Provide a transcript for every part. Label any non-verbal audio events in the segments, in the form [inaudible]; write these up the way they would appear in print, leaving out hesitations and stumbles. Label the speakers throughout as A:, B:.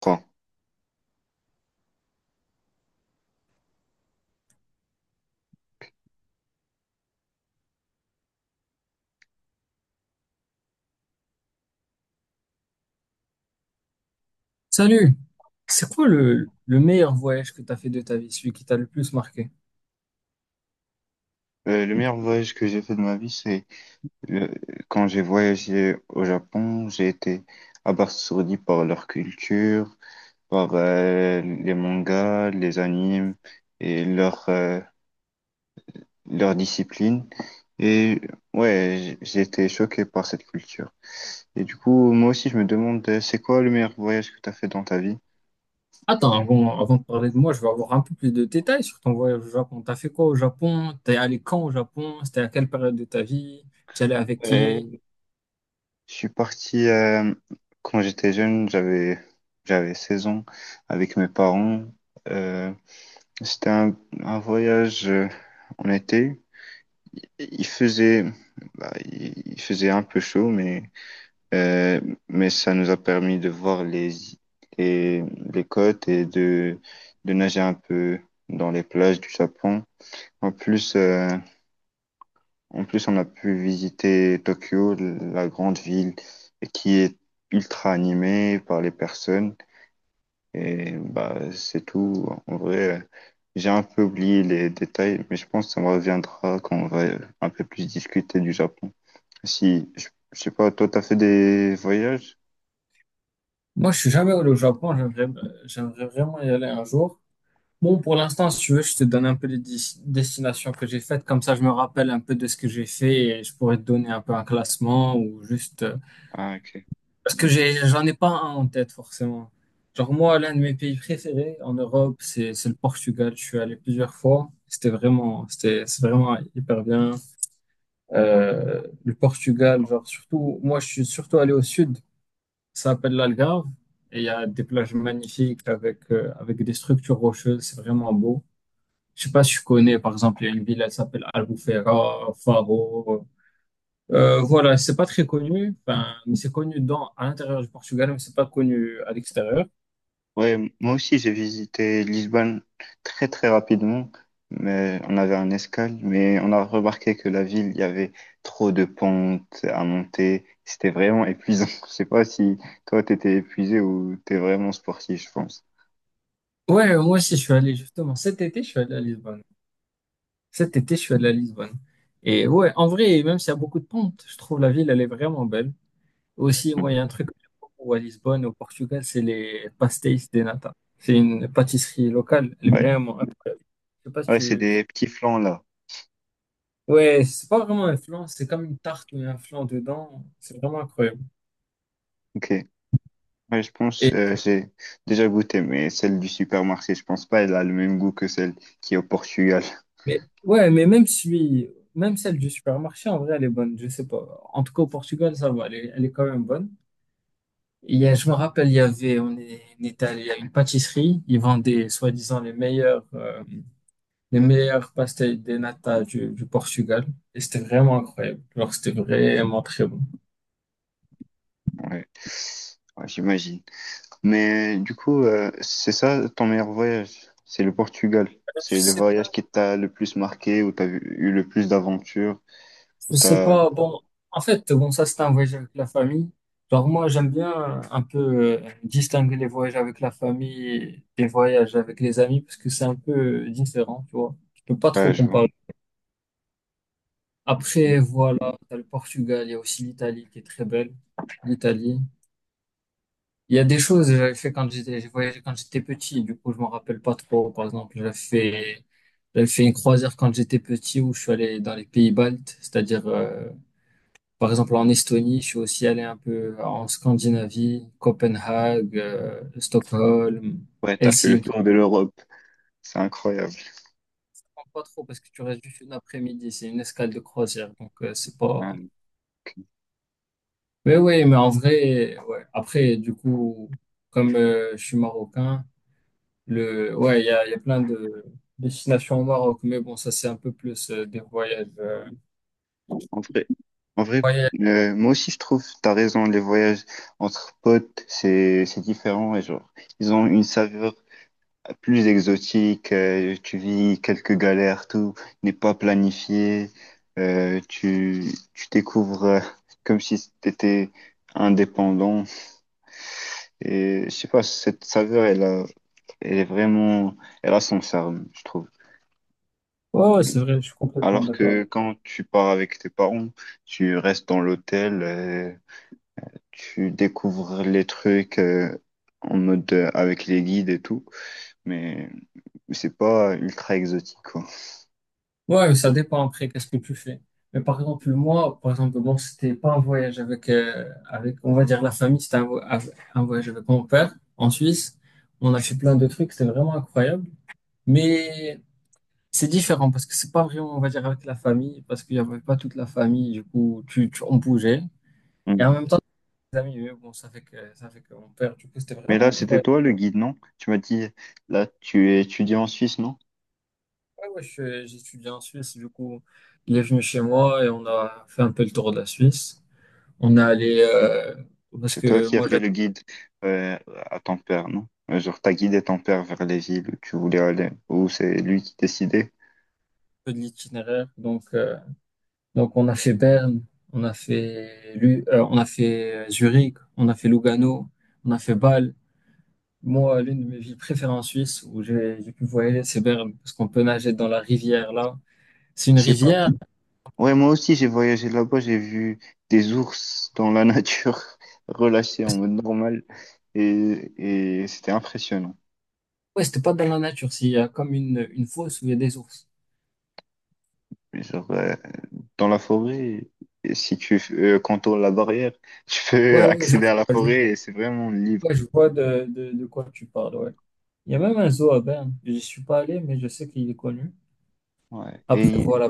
A: Quoi?
B: Salut, c'est quoi le meilleur voyage que tu as fait de ta vie, celui qui t'a le plus marqué?
A: Le meilleur voyage que j'ai fait de ma vie, c'est le- quand j'ai voyagé au Japon, j'ai été abasourdi par leur culture, par les mangas, les animes et leur discipline. Et ouais, j'ai été choqué par cette culture. Et du coup, moi aussi, je me demande, c'est quoi le meilleur voyage que tu as fait dans ta vie?
B: Attends, avant de parler de moi, je veux avoir un peu plus de détails sur ton voyage au Japon. T'as fait quoi au Japon? T'es allé quand au Japon? C'était à quelle période de ta vie? T'y allais avec qui?
A: Euh, je suis parti quand j'étais jeune, j'avais 16 ans avec mes parents. euh, C'était un voyage en été. Il faisait, il faisait un peu chaud, euh, mais ça nous a permis de voir les côtes et de nager un peu dans les plages du Japon. En plus, euh, En plus, on a pu visiter Tokyo, la grande ville qui est ultra animée par les personnes. Et bah, c'est tout. En vrai, j'ai un peu oublié les détails, mais je pense que ça me reviendra quand on va un peu plus discuter du Japon. Si, je sais pas, toi, t'as fait des voyages?
B: Moi, je suis jamais allé au Japon, j'aimerais vraiment y aller un jour. Bon, pour l'instant, si tu veux, je te donne un peu les destinations que j'ai faites, comme ça je me rappelle un peu de ce que j'ai fait et je pourrais te donner un peu un classement ou juste
A: Ah, ok.
B: parce que j'en ai pas un en tête forcément. Genre moi, l'un de mes pays préférés en Europe, c'est le Portugal. Je suis allé plusieurs fois. C'est vraiment hyper bien. Le Portugal, genre surtout, moi je suis surtout allé au sud. Ça s'appelle l'Algarve et il y a des plages magnifiques avec avec des structures rocheuses. C'est vraiment beau. Je sais pas si tu connais, par exemple, il y a une ville, elle s'appelle Albufeira, Faro. Voilà, c'est pas très connu, enfin, mais c'est connu dans, à l'intérieur du Portugal, mais c'est pas connu à l'extérieur.
A: Ouais, moi aussi, j'ai visité Lisbonne très, très rapidement, mais on avait un escale, mais on a remarqué que la ville, il y avait trop de pentes à monter. C'était vraiment épuisant. [laughs] Je sais pas si toi, t'étais épuisé ou t'es vraiment sportif, je pense.
B: Ouais, moi aussi, je suis allé justement. Cet été, je suis allé à Lisbonne. Cet été, je suis allé à Lisbonne. Et ouais, en vrai, même s'il y a beaucoup de pentes, je trouve la ville, elle est vraiment belle. Aussi,
A: Mm.
B: moi, il y a un truc que j'aime beaucoup à Lisbonne, au Portugal, c'est les pastéis de nata. C'est une pâtisserie locale, elle est
A: Ouais.
B: vraiment incroyable. Je sais pas si
A: Ah ouais, c'est
B: tu...
A: des petits flans là.
B: Ouais, c'est pas vraiment un flan, c'est comme une tarte mais un flan dedans. C'est vraiment incroyable.
A: Ok. Ouais, je pense, j'ai déjà goûté, mais celle du supermarché, je pense pas, elle a le même goût que celle qui est au Portugal. [laughs]
B: Mais ouais, mais même celui, même celle du supermarché, en vrai, elle est bonne. Je sais pas. En tout cas, au Portugal, ça va. Elle est quand même bonne. Je me rappelle, il y avait, on est allé à une pâtisserie. Ils vendaient, soi-disant, les meilleurs pastel de nata du Portugal. Et c'était vraiment incroyable. Alors, c'était vraiment très bon.
A: Ouais, ouais, j'imagine. Mais du coup, c'est ça ton meilleur voyage? C'est le Portugal.
B: Je
A: C'est le
B: sais pas.
A: voyage qui t'a le plus marqué, où eu le plus d'aventures, où
B: Je sais
A: t'as,
B: pas, bon, en fait, bon, ça c'est un voyage avec la famille. Genre moi, j'aime bien un peu distinguer les voyages avec la famille des voyages avec les amis parce que c'est un peu différent, tu vois. Je peux pas trop
A: ouais, je vois.
B: comparer. Après, voilà, t'as le Portugal, il y a aussi l'Italie qui est très belle. L'Italie. Il y a des choses que j'avais fait quand j'étais, j'ai voyagé quand j'étais petit, du coup, je m'en rappelle pas trop. Par exemple, j'avais fait une croisière quand j'étais petit où je suis allé dans les pays baltes, c'est-à-dire, par exemple, en Estonie, je suis aussi allé un peu en Scandinavie, Copenhague, Stockholm,
A: Ouais, t'as fait le
B: Helsinki.
A: tour de l'Europe. C'est incroyable.
B: Je comprends pas trop parce que tu restes juste une après-midi, c'est une escale de croisière, donc c'est pas.
A: Ouais.
B: Mais oui, mais en vrai, ouais. Après, du coup, comme je suis marocain, ouais, il y a plein de destinations au Maroc, mais bon, ça c'est un peu plus des voyages.
A: En vrai, en vrai,
B: Voyages.
A: moi aussi je trouve, t'as raison, les voyages entre potes, c'est différent et genre, ils ont une saveur plus exotique, tu vis quelques galères, tout n'est pas planifié, tu découvres comme si t'étais indépendant et je sais pas, cette saveur elle a, elle est vraiment, elle a son charme, je trouve.
B: Ouais, ouais, c'est vrai, je suis complètement
A: Alors
B: d'accord.
A: que quand tu pars avec tes parents, tu restes dans l'hôtel. Tu découvres les trucs en mode avec les guides et tout, mais c'est pas ultra exotique, quoi.
B: Ouais, ça dépend après, qu'est-ce que tu fais. Mais par exemple, moi, par exemple, bon, c'était pas un voyage avec, avec, on va dire, la famille, c'était un, un voyage avec mon père en Suisse. On a fait plein de trucs, c'était vraiment incroyable. Mais c'est différent parce que c'est pas vraiment, on va dire, avec la famille, parce qu'il y avait pas toute la famille, du coup, on bougeait. Et
A: Mm.
B: en même temps, les amis, eux, bon, ça fait que mon père, du coup, c'était
A: Mais
B: vraiment
A: là, c'était
B: incroyable.
A: toi le guide, non? Tu m'as dit, là, tu es étudiant en Suisse, non?
B: Ouais, ouais, j'étudiais en Suisse, du coup, il est venu chez moi et on a fait un peu le tour de la Suisse. On est allé, parce
A: C'est toi
B: que
A: qui as
B: moi
A: fait
B: j'avais un
A: le guide euh, à ton père, non? Genre, t'as guidé ton père vers les villes où tu voulais aller, ou c'est lui qui décidait?
B: peu de l'itinéraire, donc on a fait Berne, on a fait Zurich, on a fait Lugano, on a fait Bâle. Moi, l'une de mes villes préférées en Suisse où j'ai pu voyager, c'est Berne, parce qu'on peut nager dans la rivière là. C'est une
A: Je sais pas.
B: rivière,
A: Ouais, moi aussi, j'ai voyagé là-bas, j'ai vu des ours dans la nature, [laughs] relâchés en mode normal, et c'était impressionnant.
B: ouais, c'était pas dans la nature, c'est il y a comme une fosse où il y a des ours.
A: Genre, dans la forêt. Et si tu contournes la barrière, [laughs] tu peux
B: Ouais, ouais,
A: accéder à la
B: je-
A: forêt et c'est vraiment libre.
B: ouais, je vois de quoi tu parles, ouais. Il y a même un zoo à Berne. Je suis pas allé, mais je sais qu'il est connu.
A: Ouais.
B: Après, voilà,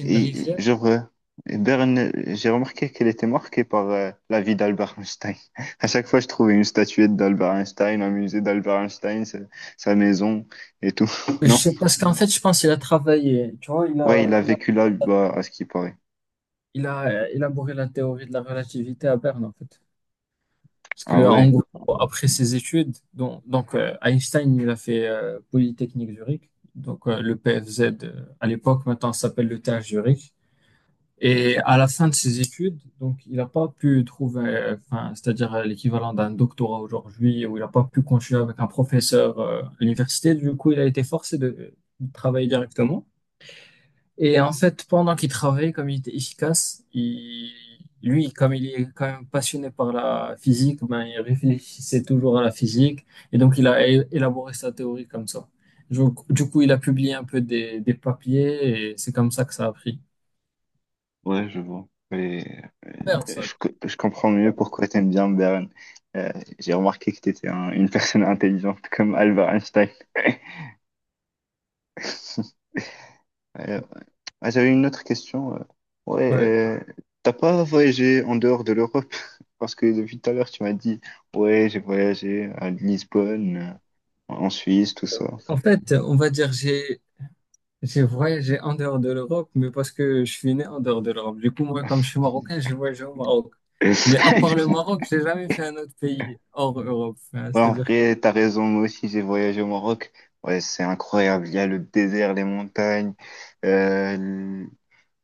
B: une
A: Et
B: rivière.
A: genre, Berne, j'ai remarqué qu'elle était marquée par la vie d'Albert Einstein. [laughs] À chaque fois, je trouvais une statuette d'Albert Einstein, un musée d'Albert Einstein, sa, sa maison et tout. [laughs]
B: Mais je
A: Non?
B: sais parce qu'en fait, je pense qu'il a travaillé. Tu vois,
A: Ouais, il a vécu là, bah, à ce qui paraît.
B: il a élaboré la théorie de la relativité à Berne, en fait. Parce
A: Ah
B: que,
A: ouais.
B: en gros, après ses études, Einstein, il a fait Polytechnique Zurich, donc le PFZ à l'époque, maintenant ça s'appelle le TH Zurich. Et à la fin de ses études, donc il n'a pas pu trouver, enfin, c'est-à-dire l'équivalent d'un doctorat aujourd'hui, où il n'a pas pu continuer avec un professeur à l'université. Du coup, il a été forcé de travailler directement. Et en fait, pendant qu'il travaillait, comme il était efficace, lui, comme il est quand même passionné par la physique, ben, il réfléchissait toujours à la physique. Et donc, il a élaboré sa théorie comme ça. Donc, du coup, il a publié un peu des papiers et c'est comme ça que ça a pris.
A: Ouais, je vois. Et, euh,
B: Super, ça.
A: je comprends mieux pourquoi tu aimes bien Beren. Euh, j'ai remarqué que tu étais une personne intelligente [laughs] comme Albert Einstein. [laughs] Euh, J'avais une autre question. Ouais,
B: Ouais.
A: euh, T'as pas voyagé en dehors de l'Europe? [laughs] Parce que depuis tout à l'heure, tu m'as dit, ouais, j'ai voyagé à Lisbonne, en Suisse, tout ça.
B: En fait, on va dire, j'ai voyagé en dehors de l'Europe, mais parce que je suis né en dehors de l'Europe. Du coup, moi, comme je suis marocain, j'ai voyagé au Maroc. Mais à part le
A: [laughs]
B: Maroc, j'ai jamais fait un autre pays hors Europe. Hein,
A: Ouais, en
B: c'est-à-dire
A: vrai, t'as raison, moi aussi j'ai voyagé au Maroc. Ouais, c'est incroyable. Il y a le désert, les montagnes, euh, l-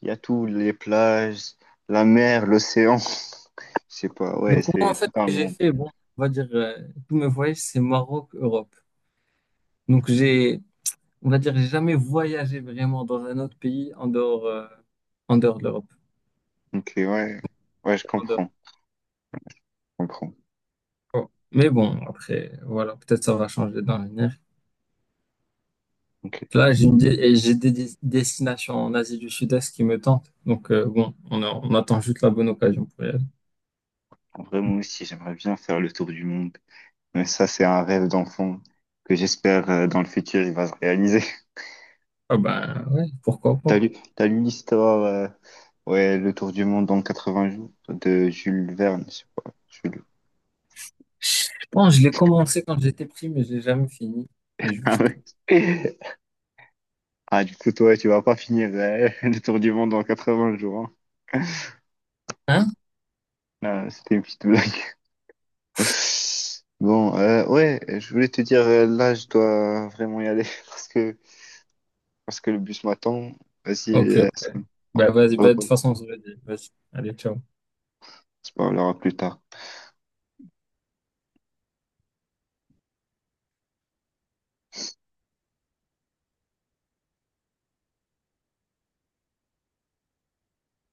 A: il y a tout, les plages, la mer, l'océan. [laughs] Je sais pas, ouais,
B: donc moi en
A: c'est
B: fait
A: tout un
B: ce que j'ai
A: monde.
B: fait, bon, on va dire tous mes voyages c'est Maroc Europe, donc j'ai on va dire j'ai jamais voyagé vraiment dans un autre pays en dehors de l'Europe
A: Ok, ouais, ouais, je
B: en dehors.
A: comprends, je comprends.
B: Oh. Mais bon après voilà peut-être ça va changer dans l'avenir,
A: Ok.
B: là j'ai une dé- et j'ai des destinations en Asie du Sud-Est qui me tentent donc bon on attend juste la bonne occasion pour y aller.
A: En vrai, moi aussi, j'aimerais bien faire le tour du monde. Mais ça, c'est un rêve d'enfant que j'espère dans le futur, il va se réaliser. [laughs]
B: Ah ben ouais pourquoi
A: T'as
B: pas.
A: lu, t'as lu l'histoire, ouais, le tour du monde en 80 jours de Jules Verne, je sais pas. Jules
B: Je pense que je l'ai commencé quand j'étais pris mais je l'ai jamais fini, mais
A: [laughs] Ah
B: juste.
A: ouais. Ah, du coup, toi, tu vas pas finir [laughs] le tour du monde en 80 jours. Hein.
B: Hein?
A: Là, c'était une petite blague. [laughs] Bon, ouais, je voulais te dire, là, je dois vraiment y aller [laughs] parce que, parce que le bus m'attend. Vas-y,
B: Ok, ok. Bah vas-y, bah,
A: on
B: de toute façon, on se le dit. Vas-y, allez, ciao.
A: se parlera plus tard.